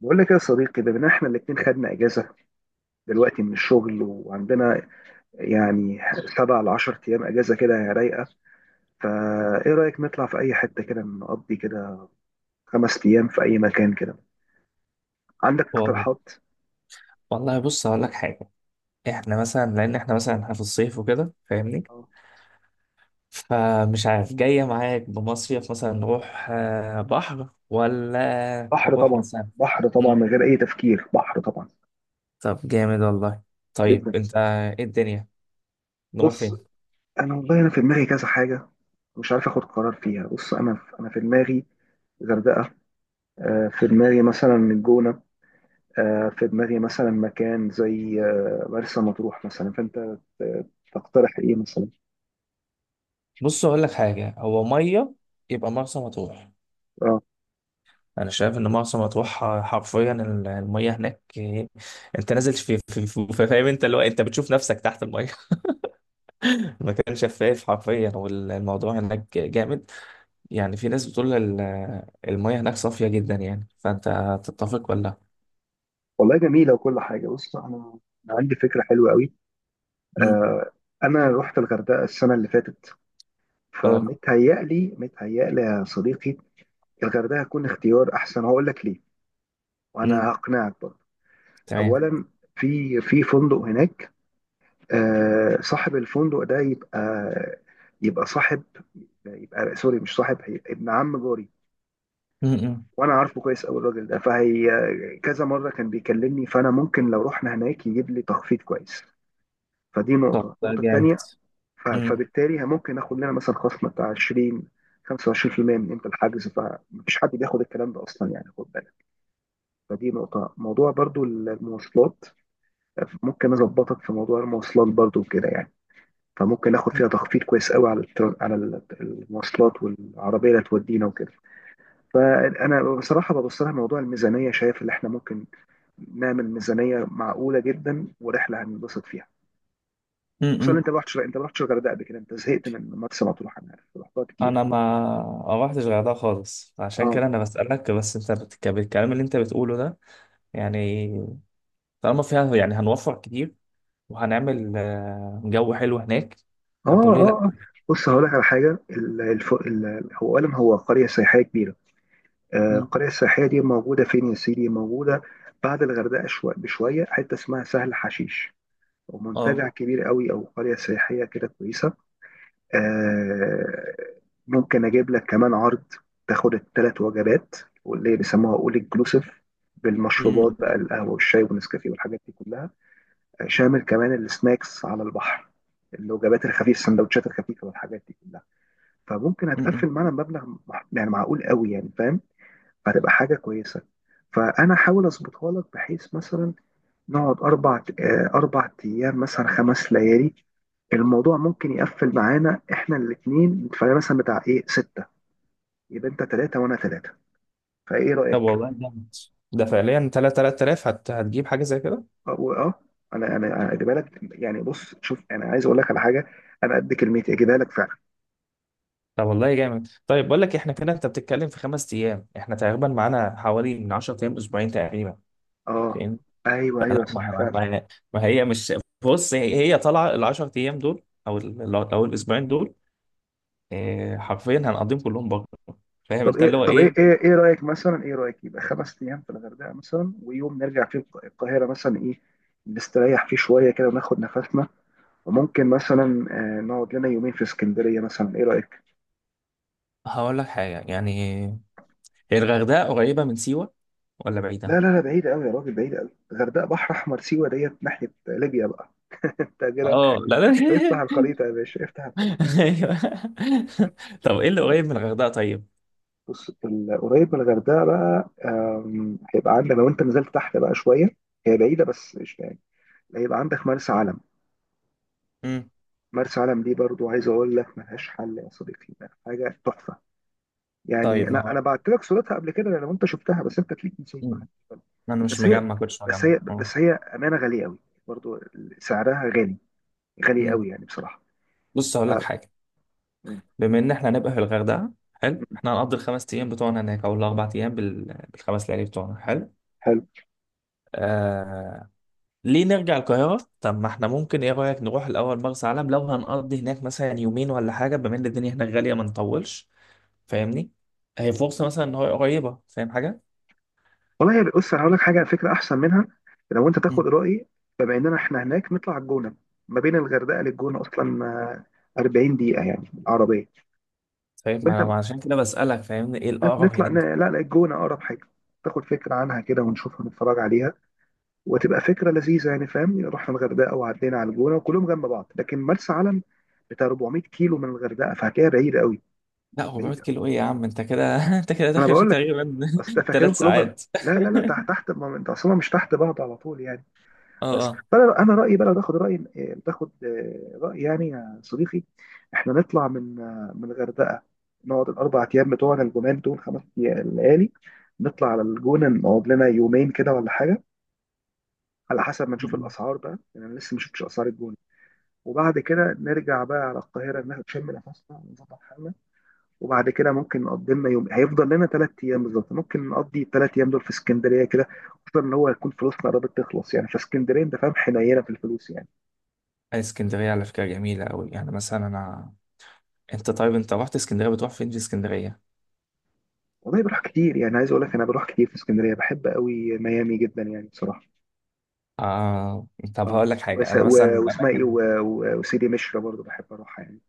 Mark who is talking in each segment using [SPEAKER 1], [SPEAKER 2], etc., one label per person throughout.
[SPEAKER 1] بقول لك يا صديقي بما ان احنا الاتنين خدنا اجازه دلوقتي من الشغل وعندنا يعني سبع لعشر ايام اجازه كده رايقه. فايه رايك نطلع في اي حته كده نقضي كده خمس ايام في اي مكان كده؟ عندك
[SPEAKER 2] والله
[SPEAKER 1] اقتراحات؟
[SPEAKER 2] والله، بص هقول لك حاجة. احنا مثلا لأن احنا مثلا احنا في الصيف وكده، فاهمني؟
[SPEAKER 1] آه.
[SPEAKER 2] فمش عارف جاية معاك بمصيف مثلا. نروح بحر ولا
[SPEAKER 1] بحر
[SPEAKER 2] نروح
[SPEAKER 1] طبعا.
[SPEAKER 2] مثلا.
[SPEAKER 1] بحر طبعا
[SPEAKER 2] مم.
[SPEAKER 1] من غير اي تفكير، بحر طبعا.
[SPEAKER 2] طب جامد والله. طيب
[SPEAKER 1] جدا.
[SPEAKER 2] انت ايه الدنيا، نروح
[SPEAKER 1] بص،
[SPEAKER 2] فين؟
[SPEAKER 1] انا والله انا في دماغي كذا حاجه مش عارف اخد قرار فيها. بص انا في دماغي غردقه، في دماغي مثلا الجونه، في دماغي مثلا مكان زي مرسى مطروح مثلا. فانت تقترح ايه مثلا؟
[SPEAKER 2] بص هقول لك حاجة. هو مية، يبقى مرسى مطروح.
[SPEAKER 1] اه
[SPEAKER 2] انا شايف ان مرسى مطروح حرفيا، المية هناك انت نازل في، فاهم انت اللي هو انت بتشوف نفسك تحت المية. المكان شفاف حرفيا والموضوع هناك جامد. يعني في ناس بتقول المية هناك صافية جدا. يعني، فأنت تتفق ولا لأ؟
[SPEAKER 1] والله جميله وكل حاجه. بص انا، أنا عندي فكره حلوه قوي.
[SPEAKER 2] مم.
[SPEAKER 1] آه، انا رحت الغردقه السنه اللي فاتت،
[SPEAKER 2] أه.
[SPEAKER 1] فمتهيألي متهيألي يا صديقي الغردقه هتكون اختيار احسن. هقول لك ليه وانا
[SPEAKER 2] مم.
[SPEAKER 1] هقنعك برضه.
[SPEAKER 2] تمام.
[SPEAKER 1] اولا في فندق هناك، آه، صاحب الفندق ده يبقى، يبقى صاحب، يبقى سوري مش صاحب، ابن عم جاري.
[SPEAKER 2] مم. مم.
[SPEAKER 1] وانا عارفه كويس قوي الراجل ده، فهي كذا مره كان بيكلمني، فانا ممكن لو رحنا هناك يجيب لي تخفيض كويس. فدي
[SPEAKER 2] طب
[SPEAKER 1] نقطه.
[SPEAKER 2] ده
[SPEAKER 1] النقطه
[SPEAKER 2] جامد.
[SPEAKER 1] الثانيه،
[SPEAKER 2] مم.
[SPEAKER 1] فبالتالي ممكن اخد لنا مثلا خصم بتاع 20 25% من قيمه الحجز، فمفيش حد بياخد الكلام ده اصلا يعني، خد بالك. فدي نقطه. موضوع برضو المواصلات، ممكن اظبطك في موضوع المواصلات برضو كده يعني. فممكن اخد فيها تخفيض كويس قوي على المواصلات والعربيه اللي تودينا وكده. فانا بصراحه ببص لها موضوع الميزانيه، شايف اللي احنا ممكن نعمل ميزانيه معقوله جدا ورحله هننبسط فيها. خصوصا إن
[SPEAKER 2] مم.
[SPEAKER 1] انت ما رحتش الغردقه قبل كده، انت زهقت من مرسى مطروح انا عارف رحتها كتير.
[SPEAKER 2] أنا ما رحتش غردقة خالص، عشان
[SPEAKER 1] اه
[SPEAKER 2] كده أنا بسألك. بس أنت بالكلام اللي أنت بتقوله ده، يعني طالما فيها، يعني هنوفر كتير وهنعمل جو حلو هناك.
[SPEAKER 1] اه
[SPEAKER 2] طب وليه لأ؟
[SPEAKER 1] اه آه. بص هقول لك على حاجه. هو اولا هو قريه سياحيه كبيره، آه،
[SPEAKER 2] مم.
[SPEAKER 1] القريه السياحيه دي موجوده فين يا سيدي؟ موجوده بعد الغردقه بشويه، حته اسمها سهل حشيش،
[SPEAKER 2] أه.
[SPEAKER 1] ومنتجع كبير قوي او قريه سياحيه كده كويسه. آه، ممكن اجيب لك كمان عرض تاخد الثلاث وجبات، واللي بيسموها اول انكلوسيف، بالمشروبات
[SPEAKER 2] مم.
[SPEAKER 1] بقى، القهوه والشاي والنسكافيه والحاجات دي كلها، آه، شامل كمان السناكس على البحر، الوجبات الخفيفه، السندوتشات الخفيفه والحاجات دي كلها. فممكن هتقفل
[SPEAKER 2] مم.
[SPEAKER 1] معانا مبلغ يعني معقول قوي يعني، فاهم؟ فهتبقى حاجه كويسه. فانا احاول اظبطها لك بحيث مثلا نقعد أربع، أربع أيام مثلا، خمس ليالي. الموضوع ممكن يقفل معانا إحنا الاتنين نتفرق مثلا بتاع إيه ستة، يبقى أنت تلاتة وأنا تلاتة. فإيه
[SPEAKER 2] طب
[SPEAKER 1] رأيك؟
[SPEAKER 2] والله جامد. ده فعليا 3000، هتجيب حاجة زي كده؟
[SPEAKER 1] أو أه أنا أجيبها لك يعني. بص شوف، أنا عايز أقول لك على حاجة، أنا قد كلمتي أجيبها لك فعلا.
[SPEAKER 2] طب والله جامد. طيب بقول لك، احنا كده انت بتتكلم في 5 ايام، احنا تقريبا معانا حوالي من 10 ايام، اسبوعين تقريبا،
[SPEAKER 1] أه
[SPEAKER 2] فاهم؟
[SPEAKER 1] أيوه أيوه
[SPEAKER 2] فلا
[SPEAKER 1] صح فعلا.
[SPEAKER 2] ما هي مش... بص، هي طالعه ال 10 ايام دول، او او الاسبوعين دول، إيه، حرفيا هنقضيهم كلهم بره. فاهم
[SPEAKER 1] طب
[SPEAKER 2] انت اللي
[SPEAKER 1] إيه
[SPEAKER 2] هو
[SPEAKER 1] طب إيه
[SPEAKER 2] ايه.
[SPEAKER 1] إيه إيه رأيك مثلا إيه رأيك يبقى خمس أيام في الغردقة مثلا، ويوم نرجع فيه القاهرة مثلا، إيه نستريح فيه شوية كده وناخد نفسنا، وممكن مثلا نقعد لنا يومين في اسكندريه مثلا؟ ايه رايك؟
[SPEAKER 2] هقول لك حاجه يعني، هي الغردقه قريبه من سيوه ولا بعيده؟
[SPEAKER 1] لا بعيد قوي يا راجل، بعيد قوي. الغردقه بحر احمر، سيوه ديت ناحيه ليبيا بقى. انت كده
[SPEAKER 2] اه، لا لا.
[SPEAKER 1] افتح الخريطه يا باشا، افتح الخريطه.
[SPEAKER 2] ايوه. طب ايه اللي
[SPEAKER 1] لا لا،
[SPEAKER 2] قريب من الغردقه طيب؟
[SPEAKER 1] بص قريب من الغردقه بقى، هيبقى عندك لو انت نزلت تحت بقى شويه، هي بعيده بس مش بعيد، هيبقى عندك مرسى علم.
[SPEAKER 2] امم.
[SPEAKER 1] مرسى علم دي برضو عايز اقول لك ملهاش حل يا صديقي، حاجه تحفه يعني.
[SPEAKER 2] طيب ما
[SPEAKER 1] انا
[SPEAKER 2] هو.
[SPEAKER 1] بعت لك صورتها قبل كده لو انت شفتها، بس انت تليك نسيت ما
[SPEAKER 2] مم.
[SPEAKER 1] حدش بالك.
[SPEAKER 2] انا مش
[SPEAKER 1] بس هي
[SPEAKER 2] مجمع، كنتش
[SPEAKER 1] بس
[SPEAKER 2] مجمع،
[SPEAKER 1] هي
[SPEAKER 2] اه.
[SPEAKER 1] بس هي امانه غاليه قوي برضو، سعرها غالي، غالي قوي يعني بصراحه.
[SPEAKER 2] بص
[SPEAKER 1] ف...
[SPEAKER 2] هقول لك حاجه.
[SPEAKER 1] م-
[SPEAKER 2] بما ان احنا هنبقى في الغردقه، حلو،
[SPEAKER 1] م-
[SPEAKER 2] احنا هنقضي الخمس ايام بتوعنا هناك، او الاربع ايام بالخمس ليالي بتوعنا، حلو.
[SPEAKER 1] حلو
[SPEAKER 2] آه... ليه نرجع القاهره؟ طب ما احنا ممكن، ايه رايك نروح الاول مرسى علم، لو هنقضي هناك مثلا يومين ولا حاجه، بما ان الدنيا هناك غاليه ما نطولش، فاهمني؟ هي فرصه مثلا ان هو قريبه، فاهم حاجه.
[SPEAKER 1] والله. يا بص انا هقول لك حاجه، فكره احسن منها لو انت تاخد
[SPEAKER 2] مم.
[SPEAKER 1] رايي. بما اننا احنا هناك نطلع على الجونه، ما بين الغردقه للجونه اصلا 40 دقيقه يعني عربيه.
[SPEAKER 2] طيب ما
[SPEAKER 1] وانت
[SPEAKER 2] انا، ما عشان كده بسالك، فاهمني، ايه الاقرب
[SPEAKER 1] نطلع
[SPEAKER 2] هناك.
[SPEAKER 1] لا لا، الجونه اقرب حاجه، تاخد فكره عنها كده ونشوفها نتفرج عليها، وتبقى فكره لذيذه يعني، فاهم؟ رحنا الغردقه وعدينا على الجونه وكلهم جنب بعض. لكن مرسى علم بتاع 400 كيلو من الغردقه، فهتلاقيها بعيده قوي.
[SPEAKER 2] لا، 400
[SPEAKER 1] بعيده،
[SPEAKER 2] كيلو ايه يا عم؟ انت كده انت كده
[SPEAKER 1] انا
[SPEAKER 2] داخل في
[SPEAKER 1] بقول لك،
[SPEAKER 2] تقريبا
[SPEAKER 1] اصل ده فاكرهم
[SPEAKER 2] ثلاث
[SPEAKER 1] كلهم جنب.
[SPEAKER 2] ساعات
[SPEAKER 1] لا لا لا، تحت تحت، ما انت اصلا مش تحت بعض على طول يعني. بس
[SPEAKER 2] اه
[SPEAKER 1] فانا، انا رايي بقى لو تاخد راي تاخد راي يعني يا صديقي، احنا نطلع من من الغردقه، نقعد الاربع ايام بتوعنا الجمال دول، خمس ليالي، نطلع على الجونه نقعد لنا يومين كده ولا حاجه، على حسب ما نشوف
[SPEAKER 2] اه.
[SPEAKER 1] الاسعار بقى يعني، انا لسه ما شفتش اسعار الجونه. وبعد كده نرجع بقى على القاهرة، نشم نفسنا ونظبط حالنا، وبعد كده ممكن نقضي لنا يوم. هيفضل لنا ثلاث أيام بالظبط، ممكن نقضي الثلاث أيام دول في اسكندرية كده، خصوصا إن هو هيكون فلوسنا قربت تخلص يعني، فاسكندرية أنت فاهم حنينة في الفلوس يعني.
[SPEAKER 2] اسكندرية على فكرة جميلة أوي. يعني مثلا أنت طيب أنت رحت اسكندرية، بتروح فين في اسكندرية؟
[SPEAKER 1] والله بروح كتير يعني، عايز أقول لك أنا بروح كتير في اسكندرية، بحب قوي ميامي جدا يعني بصراحة.
[SPEAKER 2] آه. طب
[SPEAKER 1] أه
[SPEAKER 2] هقول لك حاجة.
[SPEAKER 1] وس...
[SPEAKER 2] أنا مثلا
[SPEAKER 1] و... واسمها إيه
[SPEAKER 2] الأماكن...
[SPEAKER 1] وسيدي مشرى برضه بحب أروحها يعني.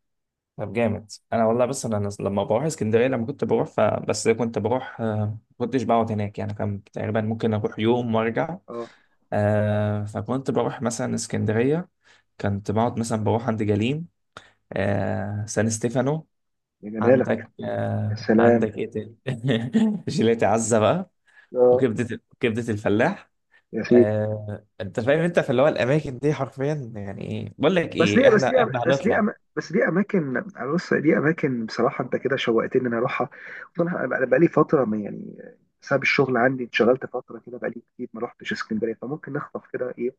[SPEAKER 2] طب جامد أنا والله. بس أنا لما بروح اسكندرية، لما كنت بروح بس كنت بروح ما كنتش بقعد هناك يعني، كان تقريبا ممكن أروح يوم وأرجع.
[SPEAKER 1] أه،
[SPEAKER 2] فكنت بروح مثلا اسكندرية، كنت بقعد مثلا بروح عند جليم، سان ستيفانو.
[SPEAKER 1] يا
[SPEAKER 2] عندك
[SPEAKER 1] جمالك. يا
[SPEAKER 2] آه
[SPEAKER 1] سلام.
[SPEAKER 2] عندك إيه تاني؟ جيلاتي عزة بقى.
[SPEAKER 1] أه
[SPEAKER 2] وكبدة الفلاح.
[SPEAKER 1] يا سيدي.
[SPEAKER 2] انت فاهم انت في اللي هو الاماكن دي حرفيا. يعني ايه بقول لك
[SPEAKER 1] بس
[SPEAKER 2] ايه،
[SPEAKER 1] دي بس دي
[SPEAKER 2] احنا هنطلع.
[SPEAKER 1] بس دي اماكن. أنا بص دي اماكن بصراحه انت كده شوقتني ان انا اروحها. وأنا بقالي فتره ما يعني، بسبب الشغل عندي اتشغلت فتره كده بقالي كتير ما رحتش اسكندريه. فممكن نخطف كده ايه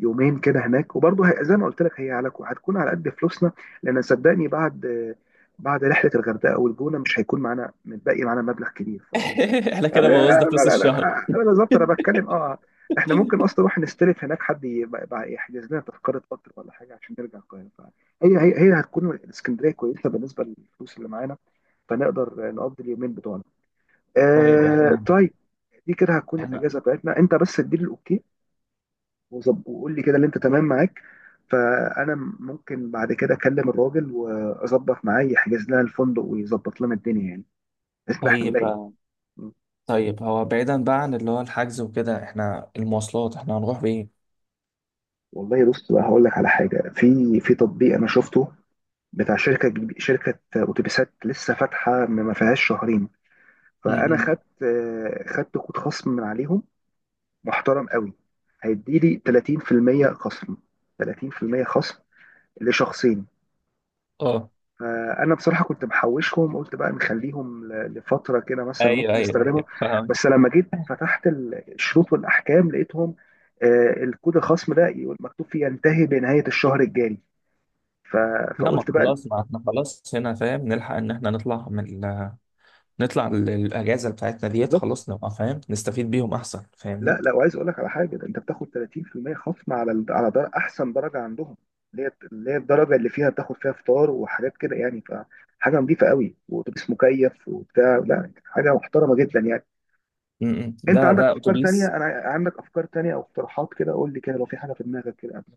[SPEAKER 1] يومين كده هناك، وبرضه زي ما قلت لك هي على هتكون على قد فلوسنا. لان صدقني بعد، بعد رحله الغردقه والجونه مش هيكون معانا، متبقي معانا مبلغ كبير.
[SPEAKER 2] احنا كده
[SPEAKER 1] لا
[SPEAKER 2] بوظنا
[SPEAKER 1] لا
[SPEAKER 2] فلوس
[SPEAKER 1] لا
[SPEAKER 2] الشهر.
[SPEAKER 1] لا انا بالظبط انا بتكلم. اه احنا ممكن اصلا نروح نستلف هناك حد، يبقى يحجز لنا تذكره قطر ولا حاجه عشان نرجع القاهره. فهي، هي هتكون الاسكندريه كويسه بالنسبه للفلوس اللي معانا، فنقدر نقضي اليومين بتوعنا.
[SPEAKER 2] طيب.
[SPEAKER 1] آه
[SPEAKER 2] احنا
[SPEAKER 1] طيب، دي كده هتكون
[SPEAKER 2] احنا
[SPEAKER 1] الاجازه بتاعتنا. انت بس اديني الاوكي وقول لي كده اللي انت تمام معاك، فانا ممكن بعد كده اكلم الراجل واظبط معاه يحجز لنا الفندق ويظبط لنا الدنيا يعني، بحيث إن احنا
[SPEAKER 2] طيب.
[SPEAKER 1] نلاقي.
[SPEAKER 2] طيب، هو بعيدا بقى عن اللي هو الحجز وكده، احنا المواصلات احنا هنروح بايه؟
[SPEAKER 1] والله بص بقى، هقول لك على حاجه. في تطبيق انا شفته بتاع شركه اتوبيسات لسه فاتحه ما فيهاش شهرين، فانا
[SPEAKER 2] امم.
[SPEAKER 1] خدت، خدت كود خصم من عليهم محترم قوي. هيديلي 30% خصم، 30% خصم لشخصين.
[SPEAKER 2] اه،
[SPEAKER 1] فانا بصراحه كنت محوشهم، قلت بقى نخليهم لفتره كده مثلا
[SPEAKER 2] ايوه
[SPEAKER 1] ممكن
[SPEAKER 2] ايوه
[SPEAKER 1] استخدمهم.
[SPEAKER 2] ايوه، فاهم.
[SPEAKER 1] بس لما جيت فتحت الشروط والاحكام لقيتهم، آه، الكود الخصم ده يقول مكتوب فيه ينتهي بنهايه الشهر الجاري. ف...
[SPEAKER 2] لا، ما
[SPEAKER 1] فقلت بقى
[SPEAKER 2] خلاص، ما احنا خلاص هنا، فاهم نلحق ان احنا نطلع من نطلع الاجازه بتاعتنا ديت،
[SPEAKER 1] بالظبط.
[SPEAKER 2] خلاص نبقى فاهم نستفيد بيهم احسن،
[SPEAKER 1] لا
[SPEAKER 2] فاهمني؟
[SPEAKER 1] لا، وعايز اقول لك على حاجه، ده انت بتاخد 30% خصم على احسن درجه عندهم، اللي هي الدرجه اللي فيها بتاخد فيها فطار وحاجات كده يعني، فحاجه نظيفه قوي، واتوبيس مكيف وبتاع، لا حاجه محترمه جدا يعني.
[SPEAKER 2] امم.
[SPEAKER 1] انت
[SPEAKER 2] ده
[SPEAKER 1] عندك
[SPEAKER 2] ده
[SPEAKER 1] افكار
[SPEAKER 2] اتوبيس.
[SPEAKER 1] تانية؟ انا عندك افكار تانية او اقتراحات كده قول لي كده لو في حاجه في دماغك كده قبل.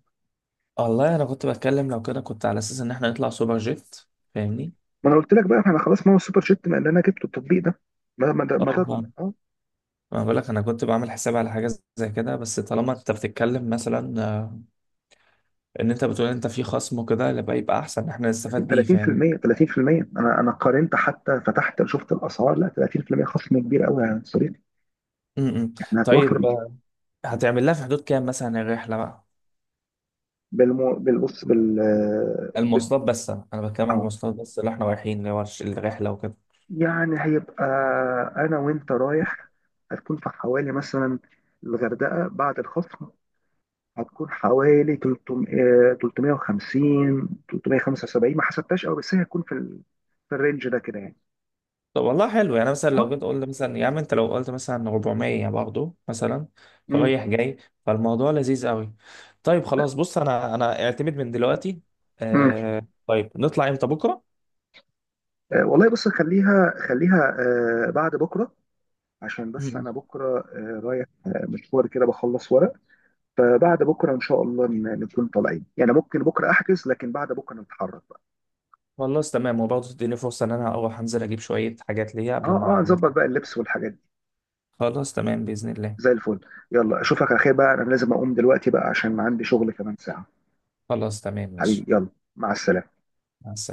[SPEAKER 2] والله انا كنت بتكلم، لو كده كنت على اساس ان احنا نطلع سوبر جيت، فاهمني.
[SPEAKER 1] ما انا قلت لك بقى احنا خلاص، ما هو السوبر شيت ما اللي انا جبته التطبيق ده، ما ما ما,
[SPEAKER 2] اه.
[SPEAKER 1] ما...
[SPEAKER 2] آه.
[SPEAKER 1] ده.
[SPEAKER 2] ما بقول لك انا كنت بعمل حساب على حاجه زي كده، بس طالما انت بتتكلم مثلا ان انت بتقول انت في خصم وكده، يبقى احسن ان احنا
[SPEAKER 1] لكن
[SPEAKER 2] نستفاد بيه، فاهمني.
[SPEAKER 1] 30%، انا قارنت حتى فتحت شفت الاسعار، لا 30% خصم كبير قوي يا صديقي،
[SPEAKER 2] م-م.
[SPEAKER 1] احنا هتوفر.
[SPEAKER 2] طيب، هتعمل لها في حدود كام مثلا الرحله بقى؟
[SPEAKER 1] بالمو... بالبص بال... بال
[SPEAKER 2] المواصلات بس، انا بتكلم عن
[SPEAKER 1] اه
[SPEAKER 2] المواصلات بس، اللي احنا رايحين، اللي هو الرحله وكده.
[SPEAKER 1] يعني هيبقى انا وانت رايح، هتكون في حوالي مثلا الغردقه بعد الخصم هتكون حوالي 300 350 375، ما حسبتهاش قوي بس هي هتكون في الرينج ده كده يعني.
[SPEAKER 2] طب والله حلو. يعني مثلا
[SPEAKER 1] اه.
[SPEAKER 2] لو جيت قلت مثلا يا عم، انت لو قلت مثلا 400 برضه مثلا،
[SPEAKER 1] مم.
[SPEAKER 2] رايح جاي، فالموضوع لذيذ قوي. طيب خلاص. بص انا اعتمد من دلوقتي.
[SPEAKER 1] مم.
[SPEAKER 2] آه طيب. نطلع امتى، بكره؟
[SPEAKER 1] آه، والله بص خليها، خليها آه بعد بكره، عشان بس
[SPEAKER 2] مم.
[SPEAKER 1] انا بكره، رايح مشوار كده بخلص ورق. فبعد بكره ان شاء الله نكون طالعين يعني، ممكن بكره احجز لكن بعد بكره نتحرك بقى.
[SPEAKER 2] خلاص تمام. وبرضه تديني فرصه ان انا اروح انزل اجيب شويه حاجات ليا قبل
[SPEAKER 1] اه اه
[SPEAKER 2] ما
[SPEAKER 1] نظبط
[SPEAKER 2] نطلع.
[SPEAKER 1] بقى اللبس والحاجات دي.
[SPEAKER 2] خلاص تمام باذن الله.
[SPEAKER 1] زي الفل. يلا اشوفك على خير بقى، انا لازم اقوم دلوقتي بقى عشان عندي شغل كمان ساعه.
[SPEAKER 2] خلاص تمام
[SPEAKER 1] حبيبي
[SPEAKER 2] ماشي.
[SPEAKER 1] يلا، مع السلامه.
[SPEAKER 2] مع السلامة.